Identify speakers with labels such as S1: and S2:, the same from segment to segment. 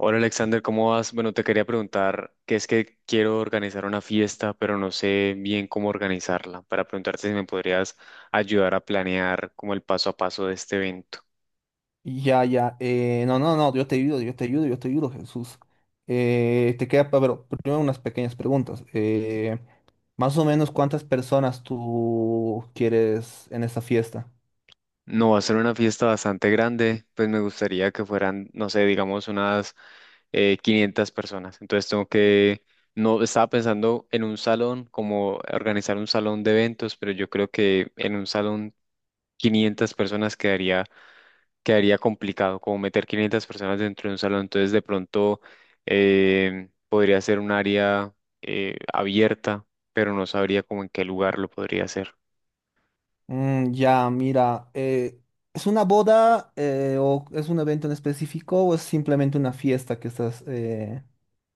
S1: Hola Alexander, ¿cómo vas? Bueno, te quería preguntar que es que quiero organizar una fiesta, pero no sé bien cómo organizarla, para preguntarte si me podrías ayudar a planear como el paso a paso de este evento.
S2: Ya, ya. No, no, no, Yo te ayudo, yo te ayudo, Jesús. Pero primero unas pequeñas preguntas. Más o menos, ¿cuántas personas tú quieres en esta fiesta?
S1: No va a ser una fiesta bastante grande, pues me gustaría que fueran, no sé, digamos unas 500 personas. Entonces tengo que, no, estaba pensando en un salón, como organizar un salón de eventos, pero yo creo que en un salón 500 personas quedaría complicado, como meter 500 personas dentro de un salón. Entonces, de pronto podría ser un área abierta, pero no sabría como en qué lugar lo podría hacer.
S2: Ya, mira, ¿es una boda o es un evento en específico o es simplemente una fiesta que estás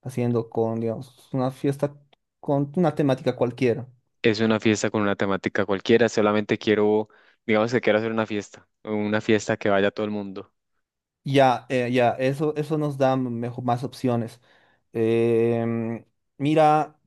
S2: haciendo con, digamos, una fiesta con una temática cualquiera?
S1: Es una fiesta con una temática cualquiera, solamente quiero, digamos que quiero hacer una fiesta que vaya todo el mundo.
S2: Ya, Eso, eso nos da más opciones. Em, Mira,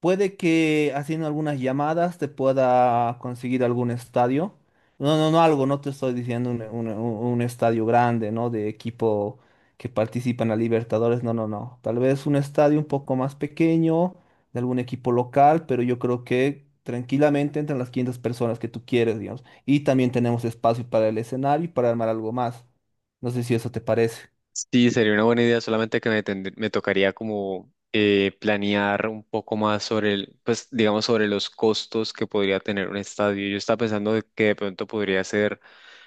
S2: puede que haciendo algunas llamadas te pueda conseguir algún estadio. No, no, no algo, no te estoy diciendo un estadio grande, ¿no? De equipo que participa en la Libertadores, no, no, no. Tal vez un estadio un poco más pequeño, de algún equipo local, pero yo creo que tranquilamente entran las 500 personas que tú quieres, digamos. Y también tenemos espacio para el escenario y para armar algo más. No sé si eso te parece.
S1: Sí, sería una buena idea, solamente que me, me tocaría como planear un poco más sobre el, pues digamos sobre los costos que podría tener un estadio. Yo estaba pensando de que de pronto podría ser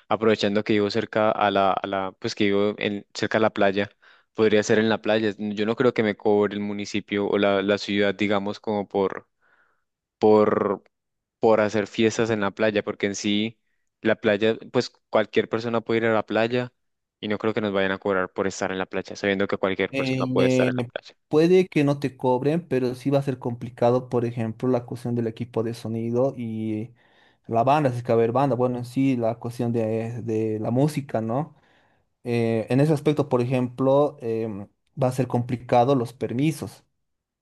S1: aprovechando que vivo cerca a la, pues que vivo en, cerca a la playa, podría ser en la playa. Yo no creo que me cobre el municipio o la ciudad, digamos, como por, por hacer fiestas en la playa, porque en sí la playa, pues cualquier persona puede ir a la playa y no creo que nos vayan a cobrar por estar en la playa, sabiendo que cualquier persona puede estar
S2: Eh,
S1: en la playa.
S2: Puede que no te cobren, pero sí va a ser complicado, por ejemplo, la cuestión del equipo de sonido y la banda, si es que va a haber banda, bueno, en sí, la cuestión de la música, ¿no? En ese aspecto, por ejemplo, va a ser complicado los permisos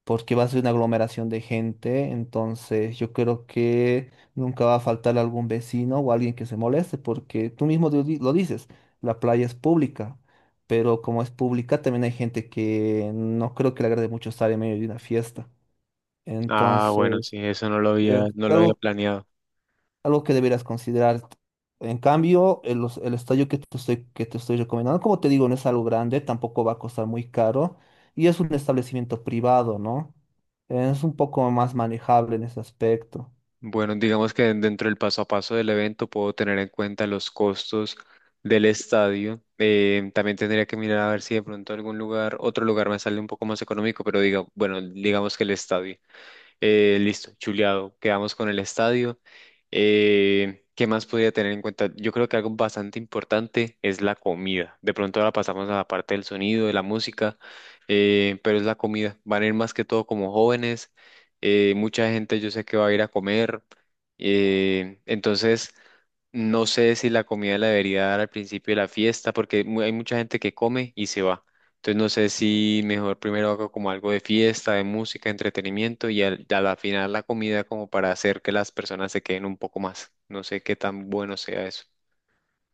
S2: porque va a ser una aglomeración de gente, entonces yo creo que nunca va a faltar algún vecino o alguien que se moleste, porque tú mismo lo dices, la playa es pública, pero como es pública también hay gente que no creo que le agrade mucho estar en medio de una fiesta.
S1: Ah, bueno,
S2: Entonces,
S1: sí, eso
S2: es
S1: no lo había
S2: algo,
S1: planeado.
S2: algo que deberás considerar. En cambio, el estadio que te estoy recomendando, como te digo, no es algo grande, tampoco va a costar muy caro y es un establecimiento privado, ¿no? Es un poco más manejable en ese aspecto.
S1: Bueno, digamos que dentro del paso a paso del evento puedo tener en cuenta los costos del estadio. También tendría que mirar a ver si de pronto algún lugar, otro lugar me sale un poco más económico, pero diga, bueno, digamos que el estadio. Listo, chuleado. Quedamos con el estadio. ¿Qué más podría tener en cuenta? Yo creo que algo bastante importante es la comida. De pronto ahora pasamos a la parte del sonido, de la música, pero es la comida. Van a ir más que todo como jóvenes. Mucha gente yo sé que va a ir a comer. Entonces, no sé si la comida la debería dar al principio de la fiesta, porque hay mucha gente que come y se va. Entonces no sé si mejor primero hago como algo de fiesta, de música, entretenimiento y a la final la comida como para hacer que las personas se queden un poco más. No sé qué tan bueno sea eso.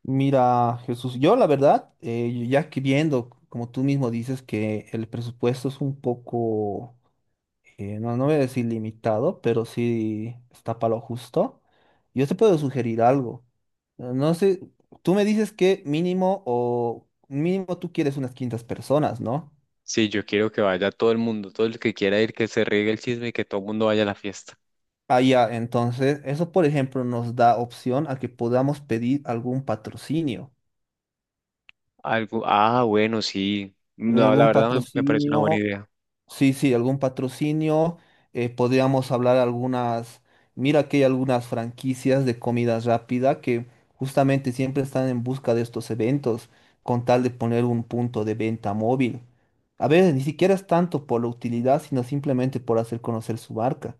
S2: Mira, Jesús, yo la verdad, ya que viendo, como tú mismo dices, que el presupuesto es un poco no, no voy a decir limitado, pero sí está para lo justo. Yo te puedo sugerir algo. No sé, tú me dices que mínimo o mínimo tú quieres unas 500 personas, ¿no?
S1: Sí, yo quiero que vaya todo el mundo, todo el que quiera ir, que se riegue el chisme y que todo el mundo vaya a la fiesta.
S2: Ah, ya, entonces, eso por ejemplo nos da opción a que podamos pedir algún patrocinio,
S1: Algo, ah, bueno, sí. No, la
S2: algún
S1: verdad me parece una buena
S2: patrocinio.
S1: idea.
S2: Sí, sí, algún patrocinio. Eh, podríamos hablar algunas. Mira que hay algunas franquicias de comida rápida que justamente siempre están en busca de estos eventos, con tal de poner un punto de venta móvil. A veces ni siquiera es tanto por la utilidad, sino simplemente por hacer conocer su marca.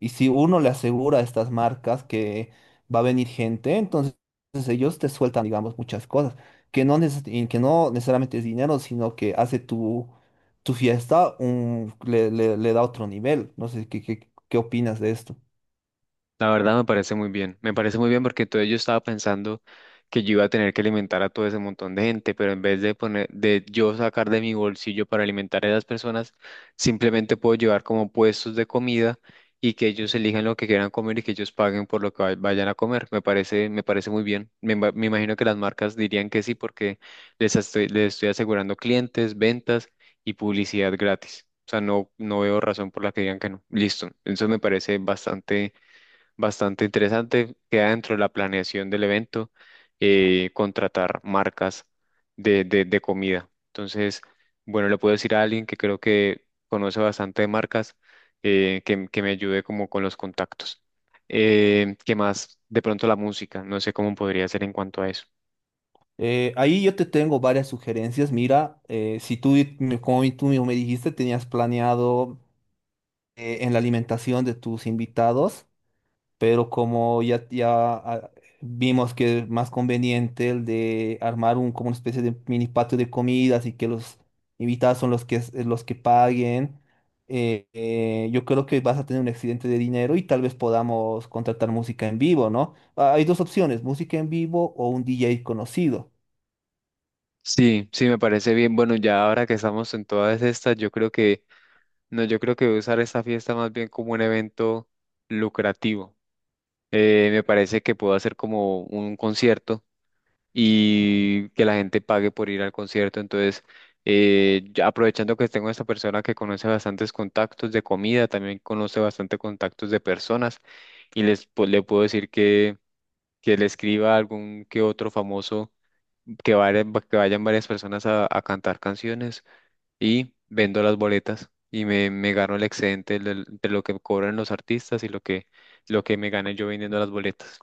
S2: Y si uno le asegura a estas marcas que va a venir gente, entonces ellos te sueltan, digamos, muchas cosas, que no, y que no necesariamente es dinero, sino que hace tu fiesta le da otro nivel. No sé, qué opinas de esto?
S1: La verdad me parece muy bien, me parece muy bien porque todo yo estaba pensando que yo iba a tener que alimentar a todo ese montón de gente, pero en vez de poner, de yo sacar de mi bolsillo para alimentar a esas personas, simplemente puedo llevar como puestos de comida y que ellos elijan lo que quieran comer y que ellos paguen por lo que vayan a comer. Me parece muy bien. Me imagino que las marcas dirían que sí porque les estoy asegurando clientes, ventas y publicidad gratis. O sea, no veo razón por la que digan que no. Listo. Eso me parece bastante interesante. Queda dentro de la planeación del evento contratar marcas de comida. Entonces, bueno, le puedo decir a alguien que creo que conoce bastante de marcas que me ayude como con los contactos. ¿Qué más? De pronto la música. No sé cómo podría ser en cuanto a eso.
S2: Ahí yo te tengo varias sugerencias. Mira, si tú, como tú mismo me dijiste, tenías planeado en la alimentación de tus invitados. Pero como vimos que es más conveniente el de armar un, como una especie de mini patio de comidas y que los invitados son los que, los que paguen, yo creo que vas a tener un excedente de dinero y tal vez podamos contratar música en vivo, ¿no? Ah, hay dos opciones, música en vivo o un DJ conocido.
S1: Sí, sí, me parece bien. Bueno, ya ahora que estamos en todas estas, yo creo que, no, yo creo que voy a usar esta fiesta más bien como un evento lucrativo. Me parece que puedo hacer como un concierto y que la gente pague por ir al concierto. Entonces, ya aprovechando que tengo esta persona que conoce bastantes contactos de comida, también conoce bastante contactos de personas y le puedo decir que le escriba a algún que otro famoso que vayan varias personas a cantar canciones y vendo las boletas y me gano el excedente de lo que cobran los artistas y lo que me gane yo vendiendo las boletas.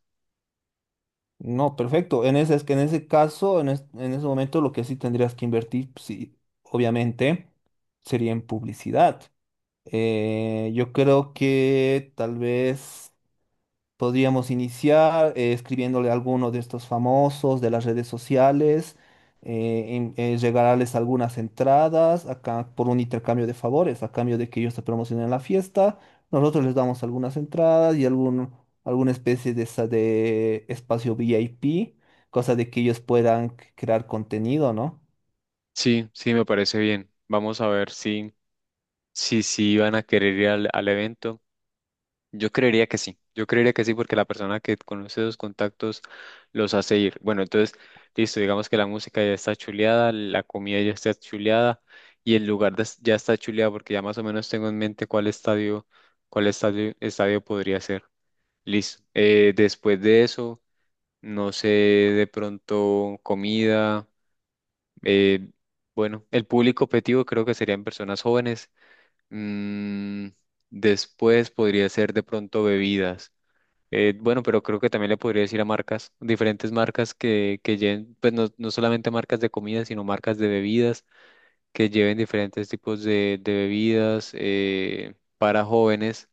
S2: No, perfecto. Es que en ese caso, en ese momento, lo que sí tendrías que invertir, sí, obviamente, sería en publicidad. Yo creo que tal vez podríamos iniciar escribiéndole a alguno de estos famosos de las redes sociales, regalarles algunas entradas acá por un intercambio de favores, a cambio de que ellos se promocionen la fiesta. Nosotros les damos algunas entradas y algún, alguna especie de, esa de espacio VIP, cosa de que ellos puedan crear contenido, ¿no?
S1: Sí, sí, me parece bien. Vamos a ver si van a querer ir al evento. Yo creería que sí. Yo creería que sí, porque la persona que conoce los contactos los hace ir. Bueno, entonces, listo, digamos que la música ya está chuleada, la comida ya está chuleada y el lugar ya está chuleado, porque ya más o menos tengo en mente cuál estadio, estadio podría ser. Listo. Después de eso, no sé, de pronto comida. Eh, bueno, el público objetivo creo que serían personas jóvenes. Mm, después podría ser de pronto bebidas. Bueno, pero creo que también le podría decir a marcas, diferentes marcas que lleven, pues no, no solamente marcas de comida, sino marcas de bebidas, que lleven diferentes tipos de bebidas para jóvenes.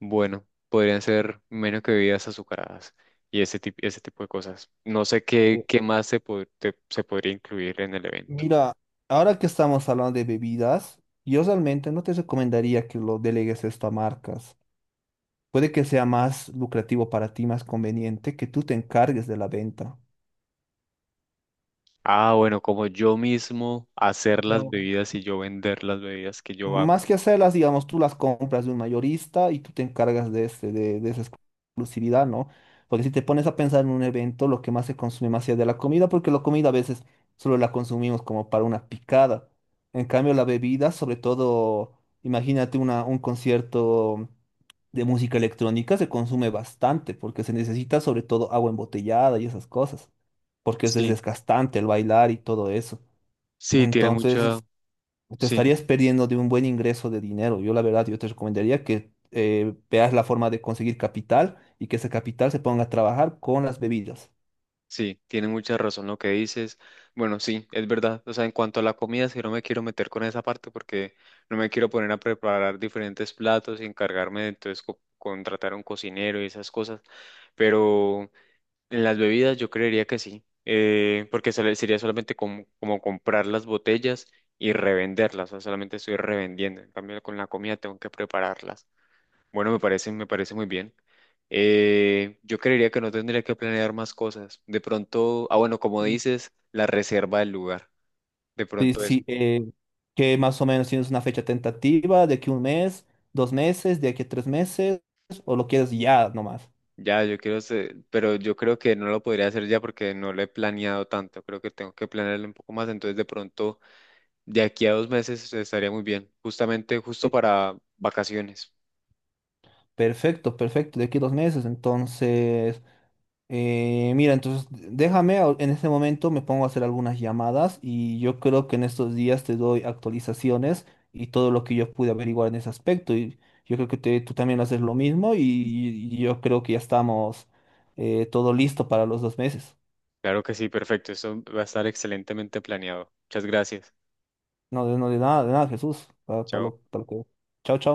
S1: Bueno, podrían ser menos que bebidas azucaradas y ese tipo de cosas. No sé qué, qué más se podría incluir en el evento.
S2: Mira, ahora que estamos hablando de bebidas, yo realmente no te recomendaría que lo delegues esto a marcas. Puede que sea más lucrativo para ti, más conveniente que tú te encargues de la venta.
S1: Ah, bueno, como yo mismo hacer las
S2: Digamos,
S1: bebidas y yo vender las bebidas que yo hago.
S2: más que hacerlas, digamos, tú las compras de un mayorista y tú te encargas de, este, de esa exclusividad, ¿no? Porque si te pones a pensar en un evento, lo que más se consume más es de la comida, porque la comida a veces solo la consumimos como para una picada. En cambio, la bebida, sobre todo, imagínate una, un concierto de música electrónica se consume bastante porque se necesita sobre todo agua embotellada y esas cosas, porque es
S1: Sí,
S2: desgastante el bailar y todo eso.
S1: sí, tiene mucha,
S2: Entonces, te
S1: sí,
S2: estarías perdiendo de un buen ingreso de dinero. Yo la verdad, yo te recomendaría que veas la forma de conseguir capital y que ese capital se ponga a trabajar con las bebidas.
S1: sí, tiene mucha razón lo que dices. Bueno, sí, es verdad. O sea, en cuanto a la comida, sí no me quiero meter con esa parte porque no me quiero poner a preparar diferentes platos y encargarme de entonces contratar a un cocinero y esas cosas. Pero en las bebidas yo creería que sí, porque sería solamente como comprar las botellas y revenderlas, o sea, solamente estoy revendiendo. En cambio, con la comida tengo que prepararlas. Bueno, me parece muy bien. Yo creería que no tendría que planear más cosas. De pronto, ah, bueno, como dices, la reserva del lugar. De
S2: Sí,
S1: pronto eso.
S2: sí, que más o menos tienes una fecha tentativa de aquí 1 mes, 2 meses, de aquí a 3 meses, o lo quieres ya nomás.
S1: Ya, yo quiero pero yo creo que no lo podría hacer ya porque no lo he planeado tanto. Creo que tengo que planearlo un poco más. Entonces, de pronto de aquí a 2 meses estaría muy bien, justamente justo para vacaciones.
S2: Perfecto, perfecto, de aquí a 2 meses. Entonces, mira, entonces déjame, en este momento me pongo a hacer algunas llamadas y yo creo que en estos días te doy actualizaciones y todo lo que yo pude averiguar en ese aspecto. Y yo creo que tú también haces lo mismo y yo creo que ya estamos todo listo para los 2 meses.
S1: Claro que sí, perfecto. Eso va a estar excelentemente planeado. Muchas gracias.
S2: No, de, no, de nada, Jesús.
S1: Chao.
S2: Para lo que... Chao, chao.